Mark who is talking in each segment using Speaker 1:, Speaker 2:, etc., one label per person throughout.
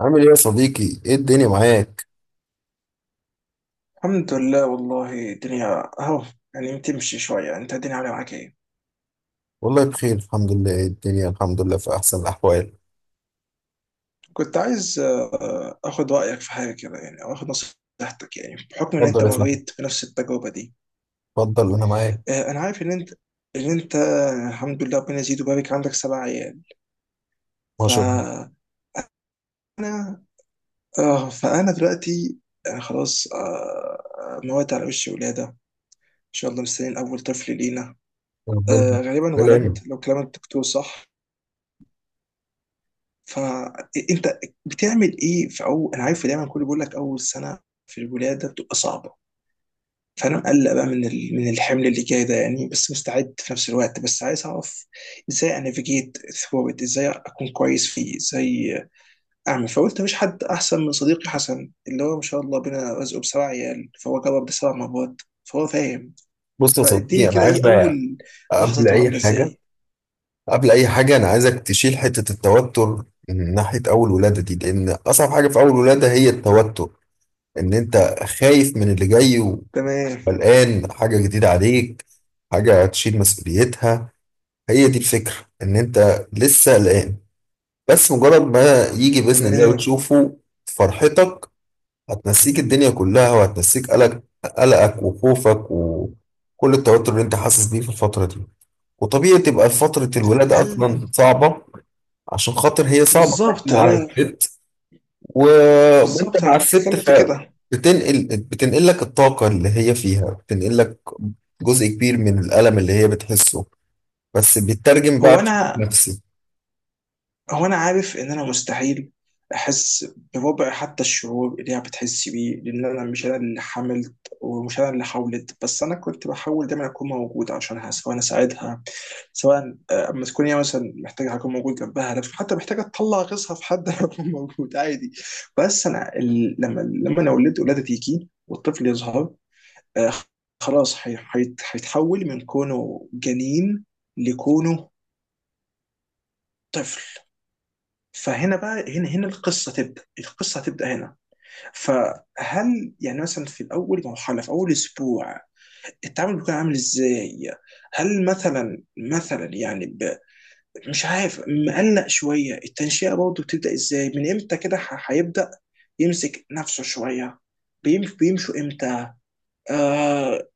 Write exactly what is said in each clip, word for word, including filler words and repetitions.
Speaker 1: عامل ايه يا صديقي؟ ايه الدنيا معاك؟
Speaker 2: الحمد لله والله، الدنيا اهو يعني بتمشي شوية. انت الدنيا عاملة معاك ايه؟
Speaker 1: والله بخير، الحمد لله. ايه الدنيا؟ الحمد لله في أحسن الأحوال.
Speaker 2: كنت عايز آه، اخد رأيك في حاجة كده، يعني او اخد نصيحتك، يعني بحكم ان انت
Speaker 1: اتفضل يا فندم،
Speaker 2: مريت بنفس التجربة دي.
Speaker 1: اتفضل أنا معاك.
Speaker 2: آه، انا عارف ان انت ان انت الحمد لله ربنا يزيد ويبارك، عندك سبع عيال.
Speaker 1: ما
Speaker 2: ف
Speaker 1: شاء الله.
Speaker 2: اه فانا دلوقتي آه، خلاص، آه، موات على وش ولادة ان شاء الله، مستنيين اول طفل لينا.
Speaker 1: ربنا
Speaker 2: آه، غالبا
Speaker 1: ربنا
Speaker 2: ولد
Speaker 1: يعينك.
Speaker 2: لو كلام الدكتور صح. فانت بتعمل ايه في اول، انا عارف دايما كله بيقول لك اول سنه في الولاده بتبقى صعبه. فانا مقلق بقى من ال- من الحمل اللي جاي ده، يعني بس مستعد في نفس الوقت، بس عايز اعرف ازاي انافيجيت ثرو ات، ازاي اكون كويس فيه، ازاي اعمل. فقلت مفيش حد احسن من صديقي حسن، اللي هو ما شاء الله بينا رزقه بسبع عيال، فهو جرب ده سبع مرات، فهو فاهم.
Speaker 1: بص يا
Speaker 2: فاديني
Speaker 1: صديقي، أنا
Speaker 2: كده،
Speaker 1: عايز
Speaker 2: ايه
Speaker 1: بقى
Speaker 2: اول
Speaker 1: قبل
Speaker 2: لحظته عامله
Speaker 1: أي حاجة،
Speaker 2: ازاي؟
Speaker 1: قبل أي حاجة أنا عايزك تشيل حتة التوتر من ناحية أول ولادة دي، لأن أصعب حاجة في أول ولادة هي التوتر. إن أنت خايف من اللي جاي،
Speaker 2: تمام.
Speaker 1: وقلقان حاجة جديدة عليك، حاجة هتشيل مسؤوليتها. هي دي الفكرة، إن أنت لسه قلقان. بس مجرد ما يجي بإذن الله
Speaker 2: تمام.
Speaker 1: وتشوفه، فرحتك هتنسيك الدنيا كلها، وهتنسيك قلق قلقك وخوفك وكل التوتر اللي انت حاسس بيه في الفترة دي. وطبيعي تبقى فترة الولادة
Speaker 2: هل...
Speaker 1: أصلا صعبة، عشان خاطر هي صعبة
Speaker 2: بالظبط.
Speaker 1: على الست. و- وانت
Speaker 2: بالظبط انا
Speaker 1: مع الست،
Speaker 2: بتتكلم في كده.
Speaker 1: فبتنقل، بتنقل لك الطاقة اللي هي فيها، بتنقل لك جزء كبير من الألم اللي هي بتحسه، بس بيترجم بقى
Speaker 2: هو
Speaker 1: بشكل
Speaker 2: انا
Speaker 1: نفسي.
Speaker 2: هو انا عارف ان انا مستحيل احس بربع حتى الشعور اللي هي بتحس بيه، لان انا مش انا اللي حملت، ومش انا اللي حاولت، بس انا كنت بحاول دايما اكون موجود عشانها، سواء اساعدها، سواء آه، اما تكون هي مثلا محتاجه اكون موجود جنبها، لو حتى محتاجه تطلع غيظها في حد أنا اكون موجود عادي. بس انا ال... لما لما انا ولدت ولاده تيجي والطفل يظهر، آه، خلاص هي- هيت- هيتحول من كونه جنين لكونه طفل. فهنا بقى، هنا هنا القصه تبدا القصه هتبدا هنا. فهل يعني مثلا، في اول مرحله، في اول اسبوع، التعامل بيكون عامل ازاي؟ هل مثلا مثلا، يعني ب... مش عارف، مقلق شويه، التنشئه برضه بتبدا ازاي، من امتى كده ح- هيبدا يمسك نفسه شويه، بيم... بيمشوا امتى؟ آه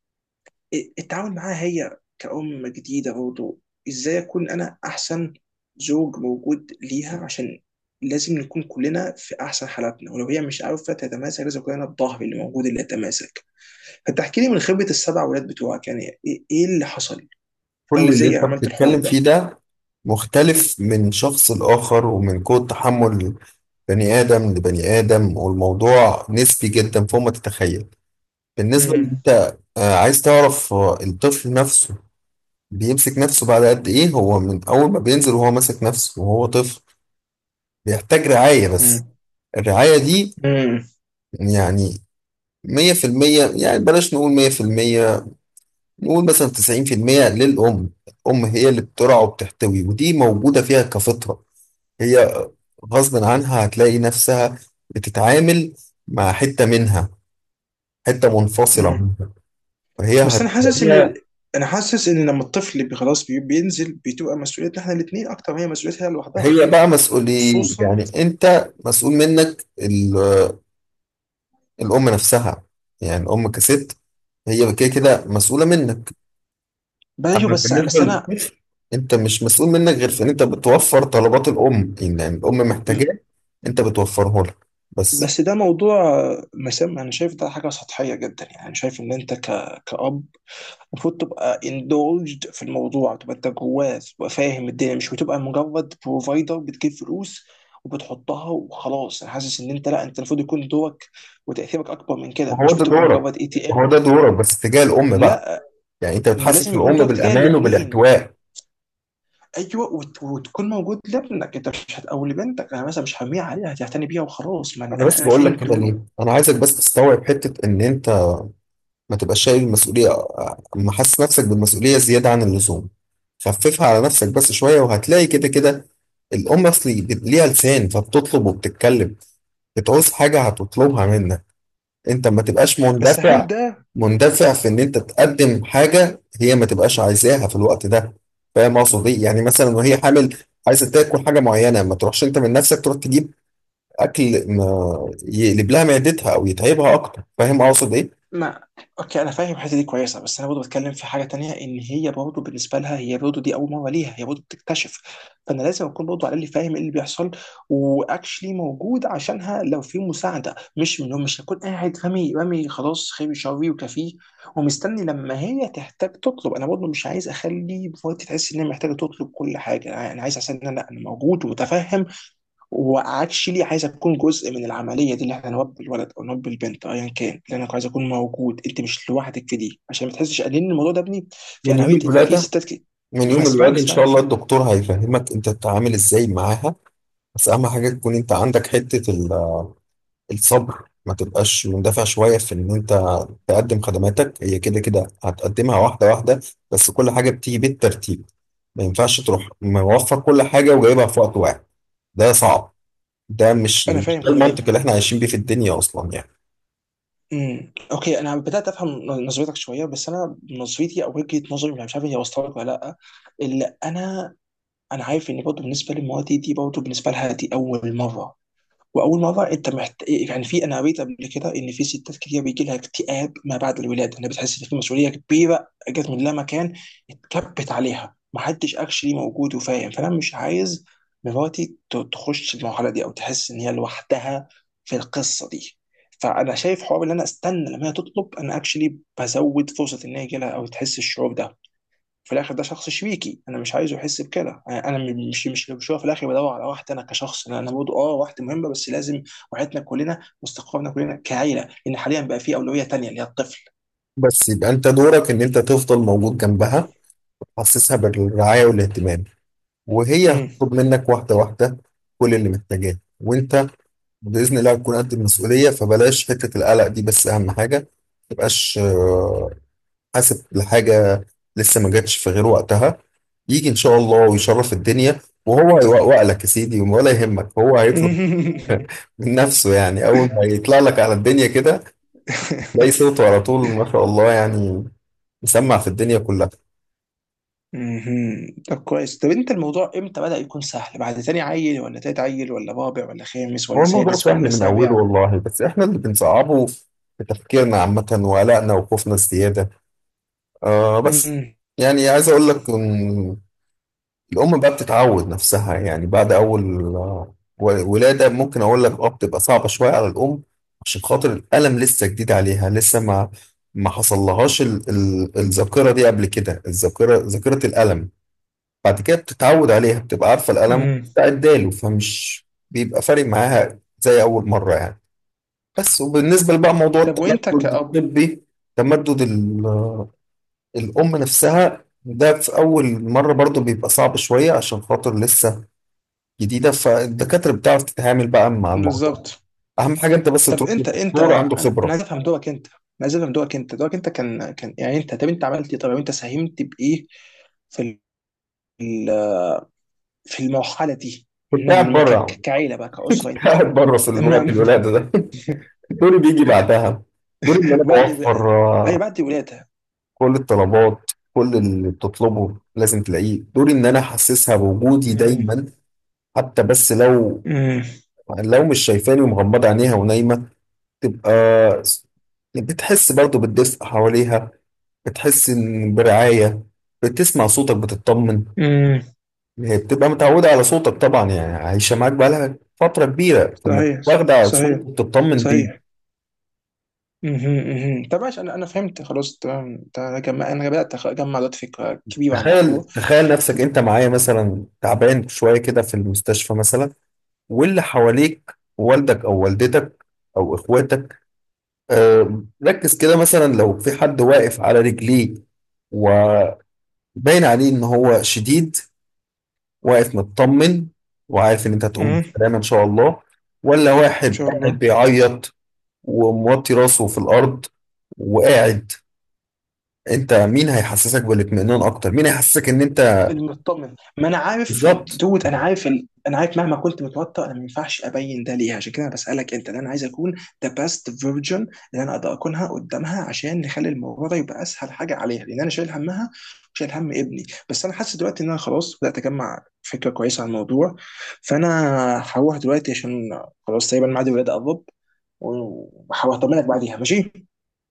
Speaker 2: التعامل معاها هي كأم جديدة برضه، ازاي اكون انا احسن زوج موجود ليها؟ عشان لازم نكون كلنا في احسن حالاتنا، ولو هي مش عارفة تتماسك لازم كلنا الظهر اللي موجود اللي يتماسك. فتحكي لي من خبرة السبع ولاد بتوعك، يعني ايه إيه اللي حصل،
Speaker 1: كل
Speaker 2: او
Speaker 1: اللي
Speaker 2: ازاي
Speaker 1: انت
Speaker 2: عملت الحوار
Speaker 1: بتتكلم فيه
Speaker 2: ده؟
Speaker 1: ده مختلف من شخص لآخر، ومن قوة تحمل بني آدم لبني آدم، والموضوع نسبي جدا فوق ما تتخيل. بالنسبة ان
Speaker 2: امم.
Speaker 1: انت آه، عايز تعرف آه، الطفل نفسه بيمسك نفسه بعد قد ايه، هو من اول ما بينزل وهو ماسك نفسه، وهو طفل بيحتاج رعاية بس.
Speaker 2: امم.
Speaker 1: الرعاية دي
Speaker 2: امم.
Speaker 1: يعني مية في المية، يعني بلاش نقول مية في المية، نقول مثلا تسعين في المية للأم. الأم هي اللي بترعى وبتحتوي، ودي موجودة فيها كفطرة. هي غصب عنها هتلاقي نفسها بتتعامل مع حتة منها، حتة منفصلة
Speaker 2: أمم.
Speaker 1: منها، فهي
Speaker 2: بس انا حاسس ان
Speaker 1: هتلاقيها.
Speaker 2: ال- انا حاسس ان لما الطفل بي- خلاص بي- بينزل، بتبقى مسؤوليتنا احنا الاثنين اكتر ما هي مسؤوليتها لوحدها.
Speaker 1: هي بقى مسؤولية،
Speaker 2: وخصوصا...
Speaker 1: يعني انت مسؤول منك ال- الأم نفسها. يعني الأم كست، هي كده كده مسؤولة منك.
Speaker 2: بلاش،
Speaker 1: أما
Speaker 2: بس
Speaker 1: بالنسبة
Speaker 2: بس انا.
Speaker 1: للبنت، انت مش مسؤول منك غير في ان انت بتوفر طلبات الأم، يعني الأم محتاجاه انت بتوفره لها بس.
Speaker 2: بس ده موضوع مسام. انا شايف ده حاجه سطحيه جدا، يعني انا شايف ان انت ك... كأب، المفروض تبقى indulged في الموضوع، تبقى انت جواه، تبقى فاهم الدنيا. مش بتبقى مجرد بروفايدر بتجيب فلوس وبتحطها وخلاص. انا حاسس ان انت، لا، انت المفروض يكون دورك وتاثيرك اكبر من كده.
Speaker 1: وهو
Speaker 2: مش
Speaker 1: ده
Speaker 2: بتبقى
Speaker 1: دورك
Speaker 2: مجرد اي تي
Speaker 1: هو
Speaker 2: ام.
Speaker 1: ده دورك بس تجاه الأم بقى،
Speaker 2: لا،
Speaker 1: يعني انت
Speaker 2: ما لازم
Speaker 1: بتحسس
Speaker 2: يكون
Speaker 1: الأم
Speaker 2: دورك تجاه
Speaker 1: بالأمان
Speaker 2: الاثنين.
Speaker 1: وبالاحتواء.
Speaker 2: ايوه، وت... وتكون موجود لابنك، انت مش هت... او لبنتك. انا مثلا مش هرميها عليها، هتعتني بيها وخلاص. ما
Speaker 1: انا
Speaker 2: انا
Speaker 1: بس
Speaker 2: أنا
Speaker 1: بقول لك
Speaker 2: فين
Speaker 1: كده
Speaker 2: دوري؟
Speaker 1: ليه، انا عايزك بس تستوعب حته ان انت ما تبقاش شايل المسؤوليه، ما حاسس نفسك بالمسؤوليه زياده عن اللزوم. خففها على نفسك بس شويه، وهتلاقي كده كده الام اصلي ليها لسان، فبتطلب وبتتكلم. بتعوز حاجه هتطلبها منك. انت ما تبقاش
Speaker 2: بس هل
Speaker 1: مندفع،
Speaker 2: ده...
Speaker 1: مندفع في ان انت تقدم حاجه هي ما تبقاش عايزاها في الوقت ده. فاهم اقصد ايه؟ يعني مثلا وهي حامل عايزه تاكل حاجه معينه، ما تروحش انت من نفسك تروح تجيب اكل ما يقلب لها معدتها او يتعبها اكتر. فاهم اقصد ايه؟
Speaker 2: ما، اوكي، انا فاهم الحته دي كويسه، بس انا برضه بتكلم في حاجه تانية، ان هي برضه بالنسبه لها، هي برضه دي اول مره ليها، هي برضه بتكتشف. فانا لازم اكون برضه، على الاقل، فاهم ايه اللي بيحصل، واكشلي موجود عشانها لو في مساعده. مش من مش هكون قاعد رامي رامي خلاص، خيري شري وكفيه، ومستني لما هي تحتاج تطلب. انا برضه مش عايز اخلي مراتي تحس ان هي محتاجه تطلب كل حاجه. انا عايز احس ان انا انا موجود ومتفهم. واكشلي عايز اكون جزء من العمليه دي، اللي احنا نربي الولد او نربي البنت، ايا كان. اللي انا عايز اكون موجود، انت مش لوحدك في دي، عشان ما تحسش لان الموضوع ده ابني. في،
Speaker 1: من
Speaker 2: انا
Speaker 1: يوم
Speaker 2: قريت ان في
Speaker 1: الولاده
Speaker 2: ستات كده.
Speaker 1: من
Speaker 2: ما،
Speaker 1: يوم
Speaker 2: اسمعني
Speaker 1: الولاده ان شاء
Speaker 2: اسمعني،
Speaker 1: الله
Speaker 2: شو.
Speaker 1: الدكتور هيفهمك انت تتعامل ازاي معاها. بس اهم حاجه تكون انت عندك حته ال- الصبر. ما تبقاش مندفع شويه في ان انت تقدم خدماتك، هي كده كده هتقدمها واحده واحده، بس كل حاجه بتيجي بالترتيب. ما ينفعش تروح موفر كل حاجه وجايبها في وقت واحد، ده صعب. ده مش
Speaker 2: انا
Speaker 1: مش
Speaker 2: فاهم
Speaker 1: ده
Speaker 2: كل
Speaker 1: المنطق اللي
Speaker 2: ده.
Speaker 1: احنا عايشين بيه في الدنيا اصلا يعني.
Speaker 2: امم. اوكي، انا بدات افهم نظرتك شويه، بس انا نظرتي، او وجهه نظري، مش عارف هي وصلت لك ولا لا. اللي انا، انا عارف ان برضه بالنسبه لمراتي دي، برضه بالنسبه لها دي اول مره. واول مره انت محت... يعني، في، انا قريت قبل كده ان في ستات كتير بيجي لها اكتئاب ما بعد الولاده، انها بتحس ان في مسؤوليه كبيره جت من لا مكان، اتكبت عليها، محدش اكشلي موجود وفاهم. فانا مش عايز مراتي ت- تخش المرحله دي، او تحس ان هي لوحدها في القصه دي. فانا شايف حوار ان انا استنى لما هي تطلب، انا اكشلي بزود فرصه ان هي يجي لها، او تحس الشعور ده. في الاخر ده شخص شبيكي، انا مش عايزه يحس بكده. انا أنا مش مش مش هو في الاخر بدور على واحد، انا كشخص انا أنا برضه اه واحد مهمه، بس لازم وعيتنا كلنا واستقرارنا كلنا كعيله، لان حاليا بقى في اولويه تانيه اللي هي الطفل.
Speaker 1: بس يبقى انت دورك ان انت تفضل موجود جنبها، حسسها بالرعاية والاهتمام، وهي
Speaker 2: مم.
Speaker 1: هتطلب منك واحدة واحدة كل اللي محتاجاه، وانت بإذن الله هتكون قد المسؤولية. فبلاش حتة القلق دي، بس أهم حاجة ما تبقاش آه، حاسب لحاجة لسه ما جاتش في غير وقتها. يجي إن شاء الله ويشرف الدنيا، وهو هيوقوق لك يا سيدي، ولا يهمك، هو هيطلب من نفسه. يعني أول ما يطلع لك على الدنيا كده، تلاقي صوته على طول، ما شاء الله، يعني مسمع في الدنيا كلها.
Speaker 2: مهم. طب كويس، طب انت، الموضوع امتى بدأ يكون سهل؟ بعد تاني عيل، ولا تالت عيل، ولا رابع، ولا خامس،
Speaker 1: هو
Speaker 2: ولا
Speaker 1: الموضوع
Speaker 2: سادس،
Speaker 1: سهل
Speaker 2: ولا
Speaker 1: من أوله
Speaker 2: سابع؟
Speaker 1: والله، بس إحنا اللي بنصعبه في تفكيرنا عامة، وقلقنا وخوفنا الزيادة. آه بس
Speaker 2: مم.
Speaker 1: يعني عايز أقول لك إن الأم بقى بتتعود نفسها، يعني بعد أول آه، و- ولادة ممكن أقول لك أه بتبقى صعبة شوية على الأم، عشان خاطر الألم لسه جديد عليها، لسه ما ما حصل لهاش ال- ال- الذاكرة دي قبل كده، الذاكرة ذاكرة الألم. بعد كده بتتعود عليها، بتبقى عارفة الألم،
Speaker 2: مم.
Speaker 1: بتعداله، فمش بيبقى فارق معاها زي أول مرة يعني. بس وبالنسبة بقى موضوع
Speaker 2: طب
Speaker 1: التمدد
Speaker 2: وانت كأب؟
Speaker 1: الطبي، تمدد ال- الأم نفسها، ده في أول مرة برضو بيبقى صعب شوية، عشان خاطر لسه جديدة، فالدكاترة بتعرف تتعامل بقى مع الموضوع ده.
Speaker 2: بالظبط.
Speaker 1: أهم حاجة أنت بس
Speaker 2: طب
Speaker 1: تروح
Speaker 2: انت انت
Speaker 1: لدكتور عنده
Speaker 2: انا انا
Speaker 1: خبرة.
Speaker 2: عايز افهم دورك انت، انا عايز افهم دورك. انت دورك انت كان كان يعني انت، طب انت عملت ايه؟ طب انت ساهمت بايه في ال- في المرحله دي، من
Speaker 1: كنت قاعد
Speaker 2: من
Speaker 1: بره
Speaker 2: ك-
Speaker 1: يا عم.
Speaker 2: ك- كعيله بقى كاسره
Speaker 1: كنت
Speaker 2: انت؟
Speaker 1: قاعد بره في
Speaker 2: ما.
Speaker 1: الوقت الولادة ده. دوري بيجي بعدها. دوري إن أنا
Speaker 2: بعد
Speaker 1: بوفر
Speaker 2: اي
Speaker 1: آه،
Speaker 2: بعد الولاده.
Speaker 1: كل الطلبات، كل اللي بتطلبه لازم تلاقيه. دوري إن أنا أحسسها بوجودي
Speaker 2: امم.
Speaker 1: دايما، حتى بس لو
Speaker 2: امم.
Speaker 1: لو مش شايفاني ومغمضة عينيها ونايمة، تبقى بتحس برضو بالدفء حواليها، بتحس إن برعاية، بتسمع صوتك بتطمن.
Speaker 2: امم.
Speaker 1: هي بتبقى متعودة على صوتك طبعا، يعني عايشة معاك بقالها فترة كبيرة، فما
Speaker 2: صحيح.
Speaker 1: واخدة على
Speaker 2: صحيح.
Speaker 1: صوتك وبتطمن بيه.
Speaker 2: صحيح. مهم، مهم. طب ماشي، انا انا فهمت خلاص، تمام تمام. انا جمع- انا بدات اجمع دلوقتي فكره كبيره عن
Speaker 1: تخيل
Speaker 2: الموضوع.
Speaker 1: تخيل نفسك انت معايا مثلا تعبان شوية كده في المستشفى مثلا، واللي حواليك والدك او والدتك او اخواتك، آه، ركز كده. مثلا لو في حد واقف على رجليه و... باين عليه ان هو شديد، واقف مطمن، وعارف ان انت هتقوم
Speaker 2: امم.
Speaker 1: بالسلامه ان شاء الله، ولا
Speaker 2: ان
Speaker 1: واحد
Speaker 2: شاء
Speaker 1: قاعد
Speaker 2: الله.
Speaker 1: بيعيط وموطي راسه في الارض وقاعد؟ انت مين هيحسسك بالاطمئنان اكتر؟ مين هيحسسك ان انت؟
Speaker 2: المطمن، ما انا عارف.
Speaker 1: بالظبط.
Speaker 2: دود، انا عارف ال... انا عارف مهما كنت متوتر انا ما ينفعش ابين ده ليها، عشان كده انا بسالك انت، لأن انا عايز اكون ذا بيست فيرجن، اللي انا اقدر اكونها قدامها، عشان نخلي الموضوع ده يبقى اسهل حاجه عليها، لان انا شايل همها وشايل هم ابني. بس انا حاسس دلوقتي ان انا خلاص بدات اجمع فكره كويسه عن الموضوع. فانا هروح دلوقتي، عشان خلاص تقريبا ميعاد الولاده قرب، وهطمنك بعديها. ماشي.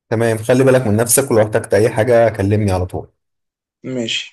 Speaker 1: تمام، خلي بالك من نفسك، ولو احتجت اي حاجه كلمني على طول.
Speaker 2: ماشي.